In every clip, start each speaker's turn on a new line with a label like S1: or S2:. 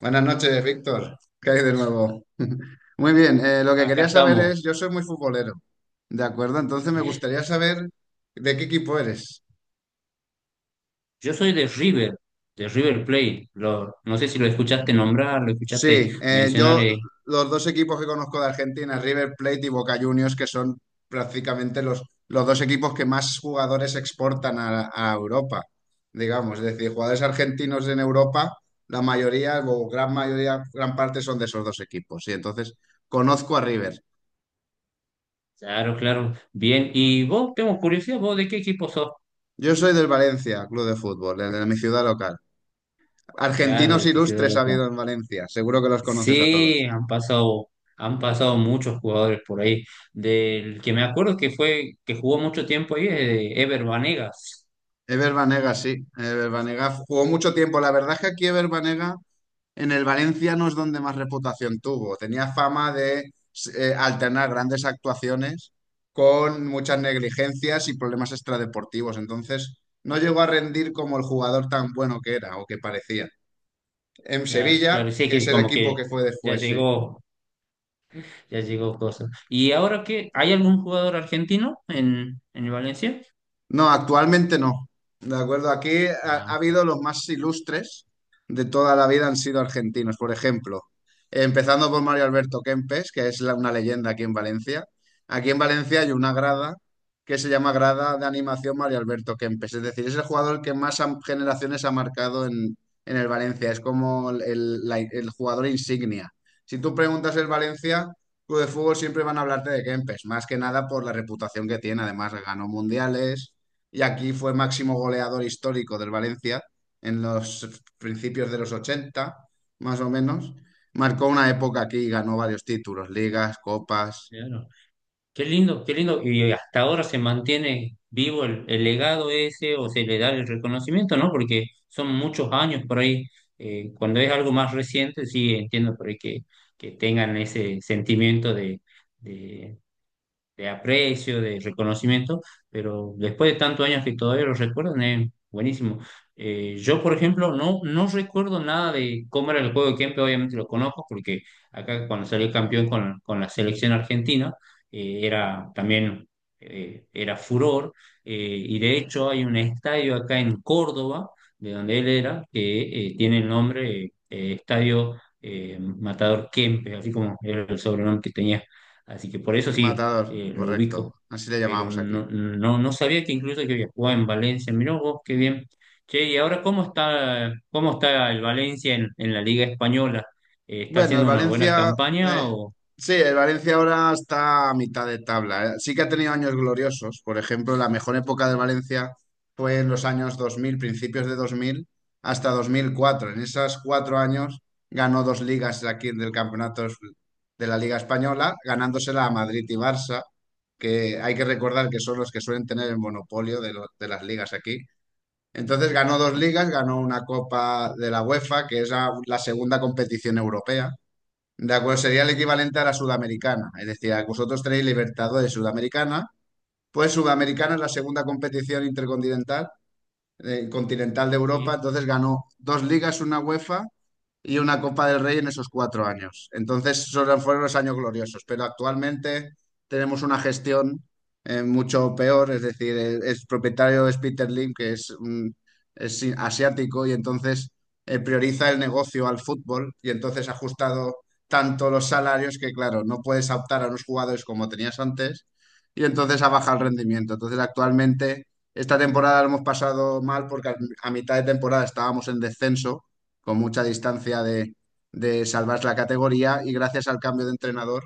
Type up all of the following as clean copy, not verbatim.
S1: Buenas noches, Víctor. ¿Qué hay de nuevo? Muy bien, lo que
S2: Acá
S1: quería saber
S2: estamos.
S1: es, yo soy muy futbolero, ¿de acuerdo? Entonces me gustaría saber de qué equipo eres.
S2: Yo soy de River Plate. No sé si lo escuchaste nombrar, lo escuchaste
S1: Sí,
S2: mencionar.
S1: yo los dos equipos que conozco de Argentina, River Plate y Boca Juniors, que son prácticamente los dos equipos que más jugadores exportan a Europa, digamos. Es decir, jugadores argentinos en Europa, la mayoría o gran mayoría, gran parte son de esos dos equipos. Y entonces conozco a River.
S2: Claro, claro. Bien. ¿Y vos? Tengo curiosidad, ¿vos de qué equipo sos?
S1: Yo soy del Valencia, club de fútbol, el de mi ciudad local.
S2: Claro,
S1: Argentinos
S2: de tu ciudad
S1: ilustres ha
S2: local.
S1: habido en Valencia, seguro que los conoces a
S2: Sí,
S1: todos.
S2: han pasado muchos jugadores por ahí. Del que me acuerdo que jugó mucho tiempo ahí, es de Ever Vanegas.
S1: Ever Banega, sí. Ever Banega jugó mucho tiempo. La verdad es que aquí Ever Banega en el Valencia no es donde más reputación tuvo. Tenía fama de alternar grandes actuaciones con muchas negligencias y problemas extradeportivos. Entonces, no llegó a rendir como el jugador tan bueno que era o que parecía. En
S2: Claro,
S1: Sevilla,
S2: claro, sí,
S1: que es
S2: que
S1: el
S2: como
S1: equipo
S2: que
S1: que fue
S2: ya
S1: después, sí.
S2: llegó, ya llegó cosas. ¿Y ahora qué? ¿Hay algún jugador argentino en el Valencia?
S1: No, actualmente no. De acuerdo, aquí ha
S2: Ah.
S1: habido los más ilustres de toda la vida han sido argentinos, por ejemplo. Empezando por Mario Alberto Kempes, que es una leyenda aquí en Valencia. Aquí en Valencia hay una grada que se llama Grada de Animación Mario Alberto Kempes. Es decir, es el jugador que más generaciones ha marcado en el Valencia. Es como el jugador insignia. Si tú preguntas el Valencia, club de fútbol siempre van a hablarte de Kempes, más que nada por la reputación que tiene. Además, ganó mundiales y aquí fue máximo goleador histórico del Valencia en los principios de los 80, más o menos. Marcó una época aquí y ganó varios títulos, ligas, copas.
S2: Claro. Qué lindo, qué lindo. Y hasta ahora se mantiene vivo el legado ese o se le da el reconocimiento, ¿no? Porque son muchos años por ahí. Cuando es algo más reciente, sí entiendo por ahí que tengan ese sentimiento de aprecio, de reconocimiento, pero después de tantos años que todavía lo recuerdan, es buenísimo. Yo, por ejemplo, no, no recuerdo nada de cómo era el juego de Kempe, obviamente lo conozco, porque acá cuando salió campeón con la selección argentina, eh, era también, era furor, y de hecho hay un estadio acá en Córdoba, de donde él era, que tiene el nombre Estadio Matador Kempe, así como era el sobrenombre que tenía. Así que por eso sí,
S1: Matador,
S2: lo
S1: correcto.
S2: ubico,
S1: Así le
S2: pero
S1: llamábamos aquí.
S2: no, no, no sabía que incluso que había jugado en Valencia. Mirá vos, qué bien. Che, y ahora, ¿cómo está el Valencia en la Liga Española? ¿Está
S1: Bueno, el
S2: haciendo una buena
S1: Valencia, eh,
S2: campaña o
S1: sí, el Valencia ahora está a mitad de tabla. Sí que ha tenido años gloriosos. Por ejemplo, la mejor época del Valencia fue en los años 2000, principios de 2000, hasta 2004. En esos cuatro años ganó dos ligas aquí del campeonato de la Liga Española, ganándosela a Madrid y Barça, que hay que recordar que son los que suelen tener el monopolio de las ligas aquí. Entonces ganó dos ligas, ganó una Copa de la UEFA, que es la segunda competición europea de acuerdo, sería el equivalente a la sudamericana. Es decir, vosotros tenéis Libertadores Sudamericana, pues Sudamericana es la segunda competición intercontinental continental de Europa.
S2: sí?
S1: Entonces ganó dos ligas, una UEFA y una Copa del Rey en esos cuatro años. Entonces, esos fueron los años gloriosos, pero actualmente tenemos una gestión mucho peor, es decir, el propietario es Peter Lim, que es, asiático, y entonces prioriza el negocio al fútbol, y entonces ha ajustado tanto los salarios que, claro, no puedes optar a unos jugadores como tenías antes, y entonces ha bajado el rendimiento. Entonces, actualmente... Esta temporada lo hemos pasado mal porque a mitad de temporada estábamos en descenso con mucha distancia de salvar la categoría y gracias al cambio de entrenador,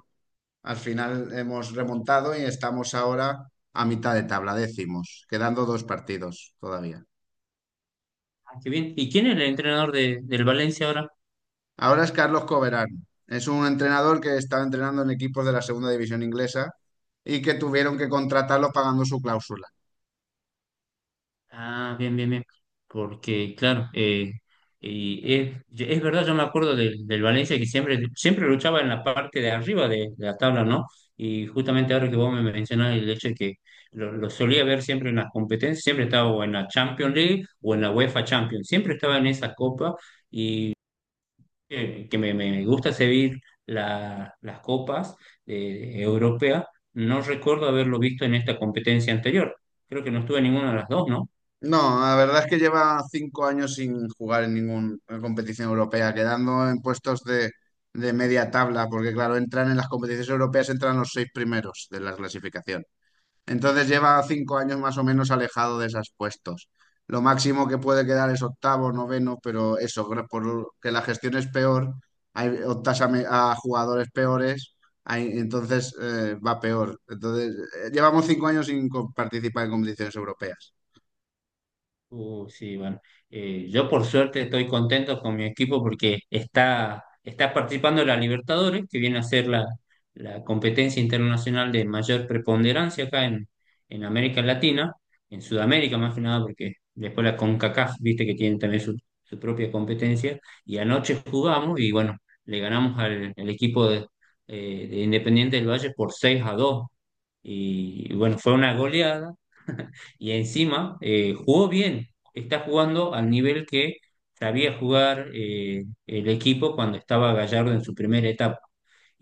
S1: al final hemos remontado y estamos ahora a mitad de tabla, décimos, quedando dos partidos todavía.
S2: Ah, qué bien. ¿Y quién es el entrenador del Valencia ahora?
S1: Ahora es Carlos Coverán. Es un entrenador que estaba entrenando en equipos de la segunda división inglesa y que tuvieron que contratarlo pagando su cláusula.
S2: Ah, bien, bien, bien. Porque, claro, y es verdad, yo me acuerdo del Valencia que siempre, siempre luchaba en la parte de arriba de la tabla, ¿no? Y justamente ahora que vos me mencionás el hecho de que lo solía ver siempre en las competencias, siempre estaba o en la Champions League o en la UEFA Champions, siempre estaba en esa copa y que me gusta seguir las copas europeas, no recuerdo haberlo visto en esta competencia anterior. Creo que no estuve en ninguna de las dos, ¿no?
S1: No, la verdad es que lleva cinco años sin jugar en ninguna competición europea, quedando en puestos de media tabla, porque claro, entran en las competiciones europeas, entran los seis primeros de la clasificación. Entonces lleva cinco años más o menos alejado de esos puestos. Lo máximo que puede quedar es octavo, noveno, pero eso, por que la gestión es peor, hay, optas a jugadores peores, entonces va peor. Entonces, llevamos cinco años sin participar en competiciones europeas.
S2: Sí, bueno, yo por suerte estoy contento con mi equipo porque está participando en la Libertadores, que viene a ser la competencia internacional de mayor preponderancia acá en América Latina, en Sudamérica más que nada, porque después la CONCACAF, viste que tiene también su propia competencia, y anoche jugamos y bueno, le ganamos al equipo de Independiente del Valle por 6-2 y bueno, fue una goleada y encima jugó bien, está jugando al nivel que sabía jugar el equipo cuando estaba Gallardo en su primera etapa.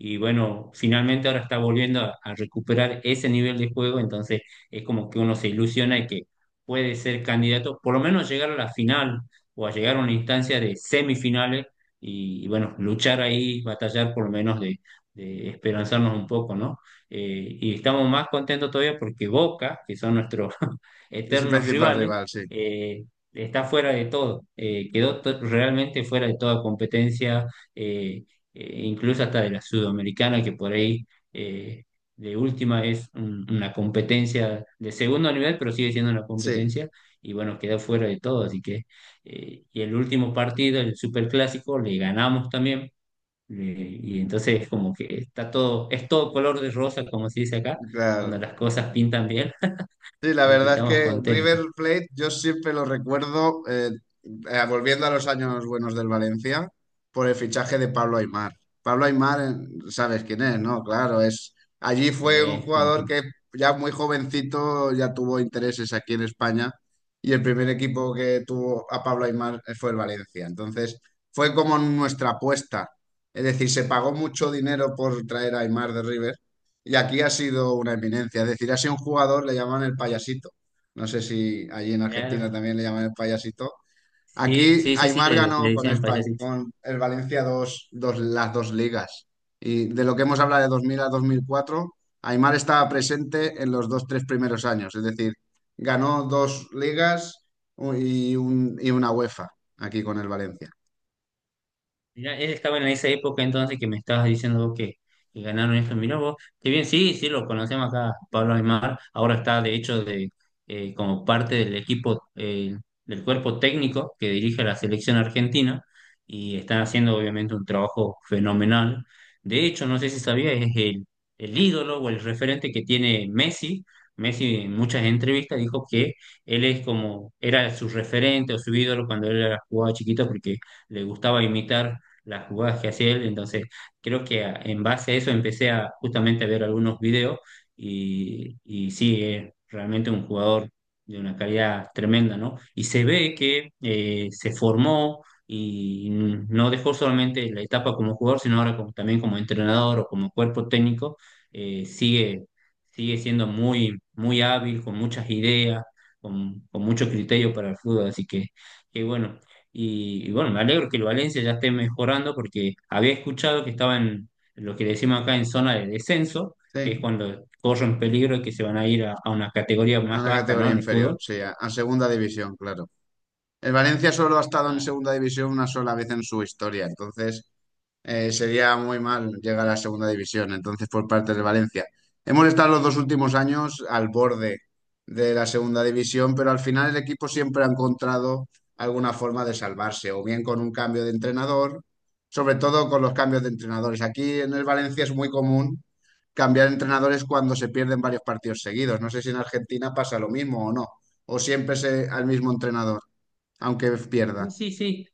S2: Y bueno, finalmente ahora está volviendo a recuperar ese nivel de juego, entonces es como que uno se ilusiona y que puede ser candidato, por lo menos llegar a la final o a llegar a una instancia de semifinales y bueno, luchar ahí, batallar por lo menos de esperanzarnos un poco, ¿no? Y estamos más contentos todavía porque Boca, que son nuestros
S1: Es el
S2: eternos
S1: principal
S2: rivales,
S1: rival, sí.
S2: eh, está fuera de todo, quedó realmente fuera de toda competencia. eh, Incluso hasta de la sudamericana, que por ahí eh, de última es una competencia de segundo nivel, pero sigue siendo una
S1: Sí,
S2: competencia, y bueno, queda fuera de todo, así que, y el último partido, el Superclásico, le ganamos también, y entonces como que está todo, es todo color de rosa, como se dice acá, cuando
S1: claro.
S2: las cosas pintan bien,
S1: Sí, la
S2: así que
S1: verdad es
S2: estamos
S1: que River
S2: contentos.
S1: Plate yo siempre lo recuerdo, volviendo a los años buenos del Valencia, por el fichaje de Pablo Aimar. Pablo Aimar, sabes quién es, ¿no? Claro, es allí fue un
S2: Sí, sí,
S1: jugador
S2: sí.
S1: que ya muy jovencito ya tuvo intereses aquí en España y el primer equipo que tuvo a Pablo Aimar fue el Valencia. Entonces, fue como nuestra apuesta. Es decir, se pagó mucho dinero por traer a Aimar de River. Y aquí ha sido una eminencia, es decir, ha sido un jugador, le llaman el payasito. No sé si allí en Argentina
S2: Claro.
S1: también le llaman el payasito.
S2: Sí,
S1: Aquí
S2: sí, sí, sí,
S1: Aimar
S2: le
S1: ganó con
S2: dicen
S1: España,
S2: payasitos.
S1: con el Valencia dos, las dos ligas. Y de lo que hemos hablado de 2000 a 2004, Aimar estaba presente en los dos, tres primeros años. Es decir, ganó dos ligas y una UEFA aquí con el Valencia.
S2: Mirá, él estaba en esa época entonces que me estabas diciendo vos que ganaron esto. Mirá vos, qué bien, sí, sí, lo conocemos acá, Pablo Aymar. Ahora está, de hecho, como parte del equipo, del cuerpo técnico que dirige la selección argentina y están haciendo obviamente un trabajo fenomenal. De hecho, no sé si sabía, es el ídolo o el referente que tiene Messi. Messi en muchas entrevistas dijo que él es como, era su referente o su ídolo cuando él era jugaba chiquito porque le gustaba imitar las jugadas que hacía él. Entonces, creo que en base a eso empecé a justamente a ver algunos videos y sí, es realmente un jugador de una calidad tremenda, ¿no? Y se ve que se formó y no dejó solamente la etapa como jugador, sino ahora también como entrenador o como cuerpo técnico, eh, sigue, sigue siendo muy, muy hábil, con muchas ideas, con mucho criterio para el fútbol. Así que bueno, y bueno, me alegro que el Valencia ya esté mejorando porque había escuchado que estaba en lo que decimos acá en zona de descenso, que es
S1: Sí,
S2: cuando corren peligro y que se van a ir a una categoría
S1: a
S2: más
S1: la
S2: baja, ¿no?
S1: categoría
S2: En el
S1: inferior,
S2: fútbol.
S1: sí, a segunda división, claro. El Valencia solo ha estado en
S2: Ah,
S1: segunda división una sola vez en su historia, entonces sería muy mal llegar a segunda división. Entonces, por parte del Valencia, hemos estado los dos últimos años al borde de la segunda división, pero al final el equipo siempre ha encontrado alguna forma de salvarse, o bien con un cambio de entrenador, sobre todo con los cambios de entrenadores. Aquí en el Valencia es muy común cambiar entrenadores cuando se pierden varios partidos seguidos. No sé si en Argentina pasa lo mismo o no, o siempre es al mismo entrenador. Aunque
S2: sí,
S1: pierda,
S2: sí, sí.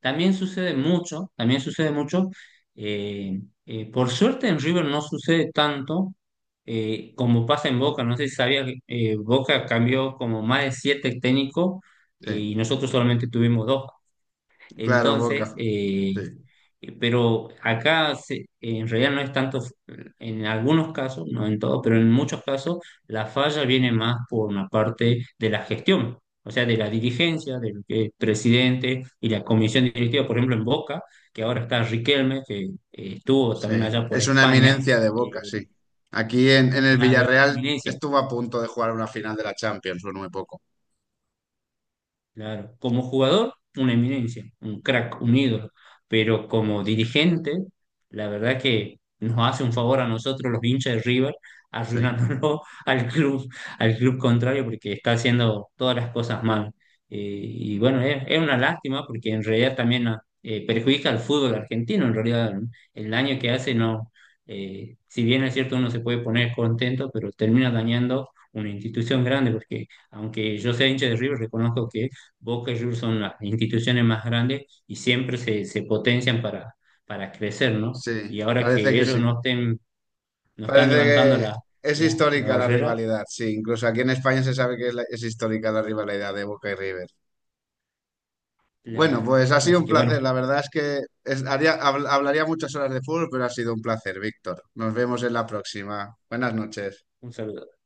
S2: También sucede mucho, también sucede mucho. Eh, por suerte en River no sucede tanto como pasa en Boca. No sé si sabías, Boca cambió como más de 7 técnicos y
S1: sí.
S2: nosotros solamente tuvimos dos.
S1: Claro,
S2: Entonces,
S1: Boca, sí,
S2: Pero acá en realidad no es tanto, en algunos casos, no en todos, pero en muchos casos la falla viene más por una parte de la gestión, o sea, de la dirigencia, del que el presidente y la comisión directiva, por ejemplo, en Boca, que ahora está Riquelme, que estuvo también
S1: sí.
S2: allá por
S1: Es una
S2: España,
S1: eminencia de Boca,
S2: eh,
S1: sí. Aquí en el
S2: claro, es una
S1: Villarreal
S2: eminencia.
S1: estuvo a punto de jugar una final de la Champions, no muy poco.
S2: Claro, como jugador, una eminencia, un crack, un ídolo, pero como dirigente, la verdad que nos hace un favor a nosotros, los hinchas de River,
S1: Sí,
S2: arruinándolo al club contrario, porque está haciendo todas las cosas mal. Y bueno, es una lástima porque en realidad también ah, perjudica al fútbol argentino, en realidad ¿no? El daño que hace no, si bien es cierto uno se puede poner contento, pero termina dañando una institución grande, porque aunque yo sea hincha de River, reconozco que Boca y River son las instituciones más grandes y siempre se potencian para crecer, ¿no? Y ahora que ellos
S1: sí.
S2: no estén, no están
S1: Parece
S2: levantando
S1: que es
S2: la
S1: histórica la
S2: barrera,
S1: rivalidad, sí. Incluso aquí en España se sabe que es, es histórica la rivalidad de Boca y River. Bueno, pues ha sido
S2: así
S1: un
S2: que bueno,
S1: placer. La verdad es que hablaría muchas horas de fútbol, pero ha sido un placer, Víctor. Nos vemos en la próxima. Buenas noches.
S2: un saludo.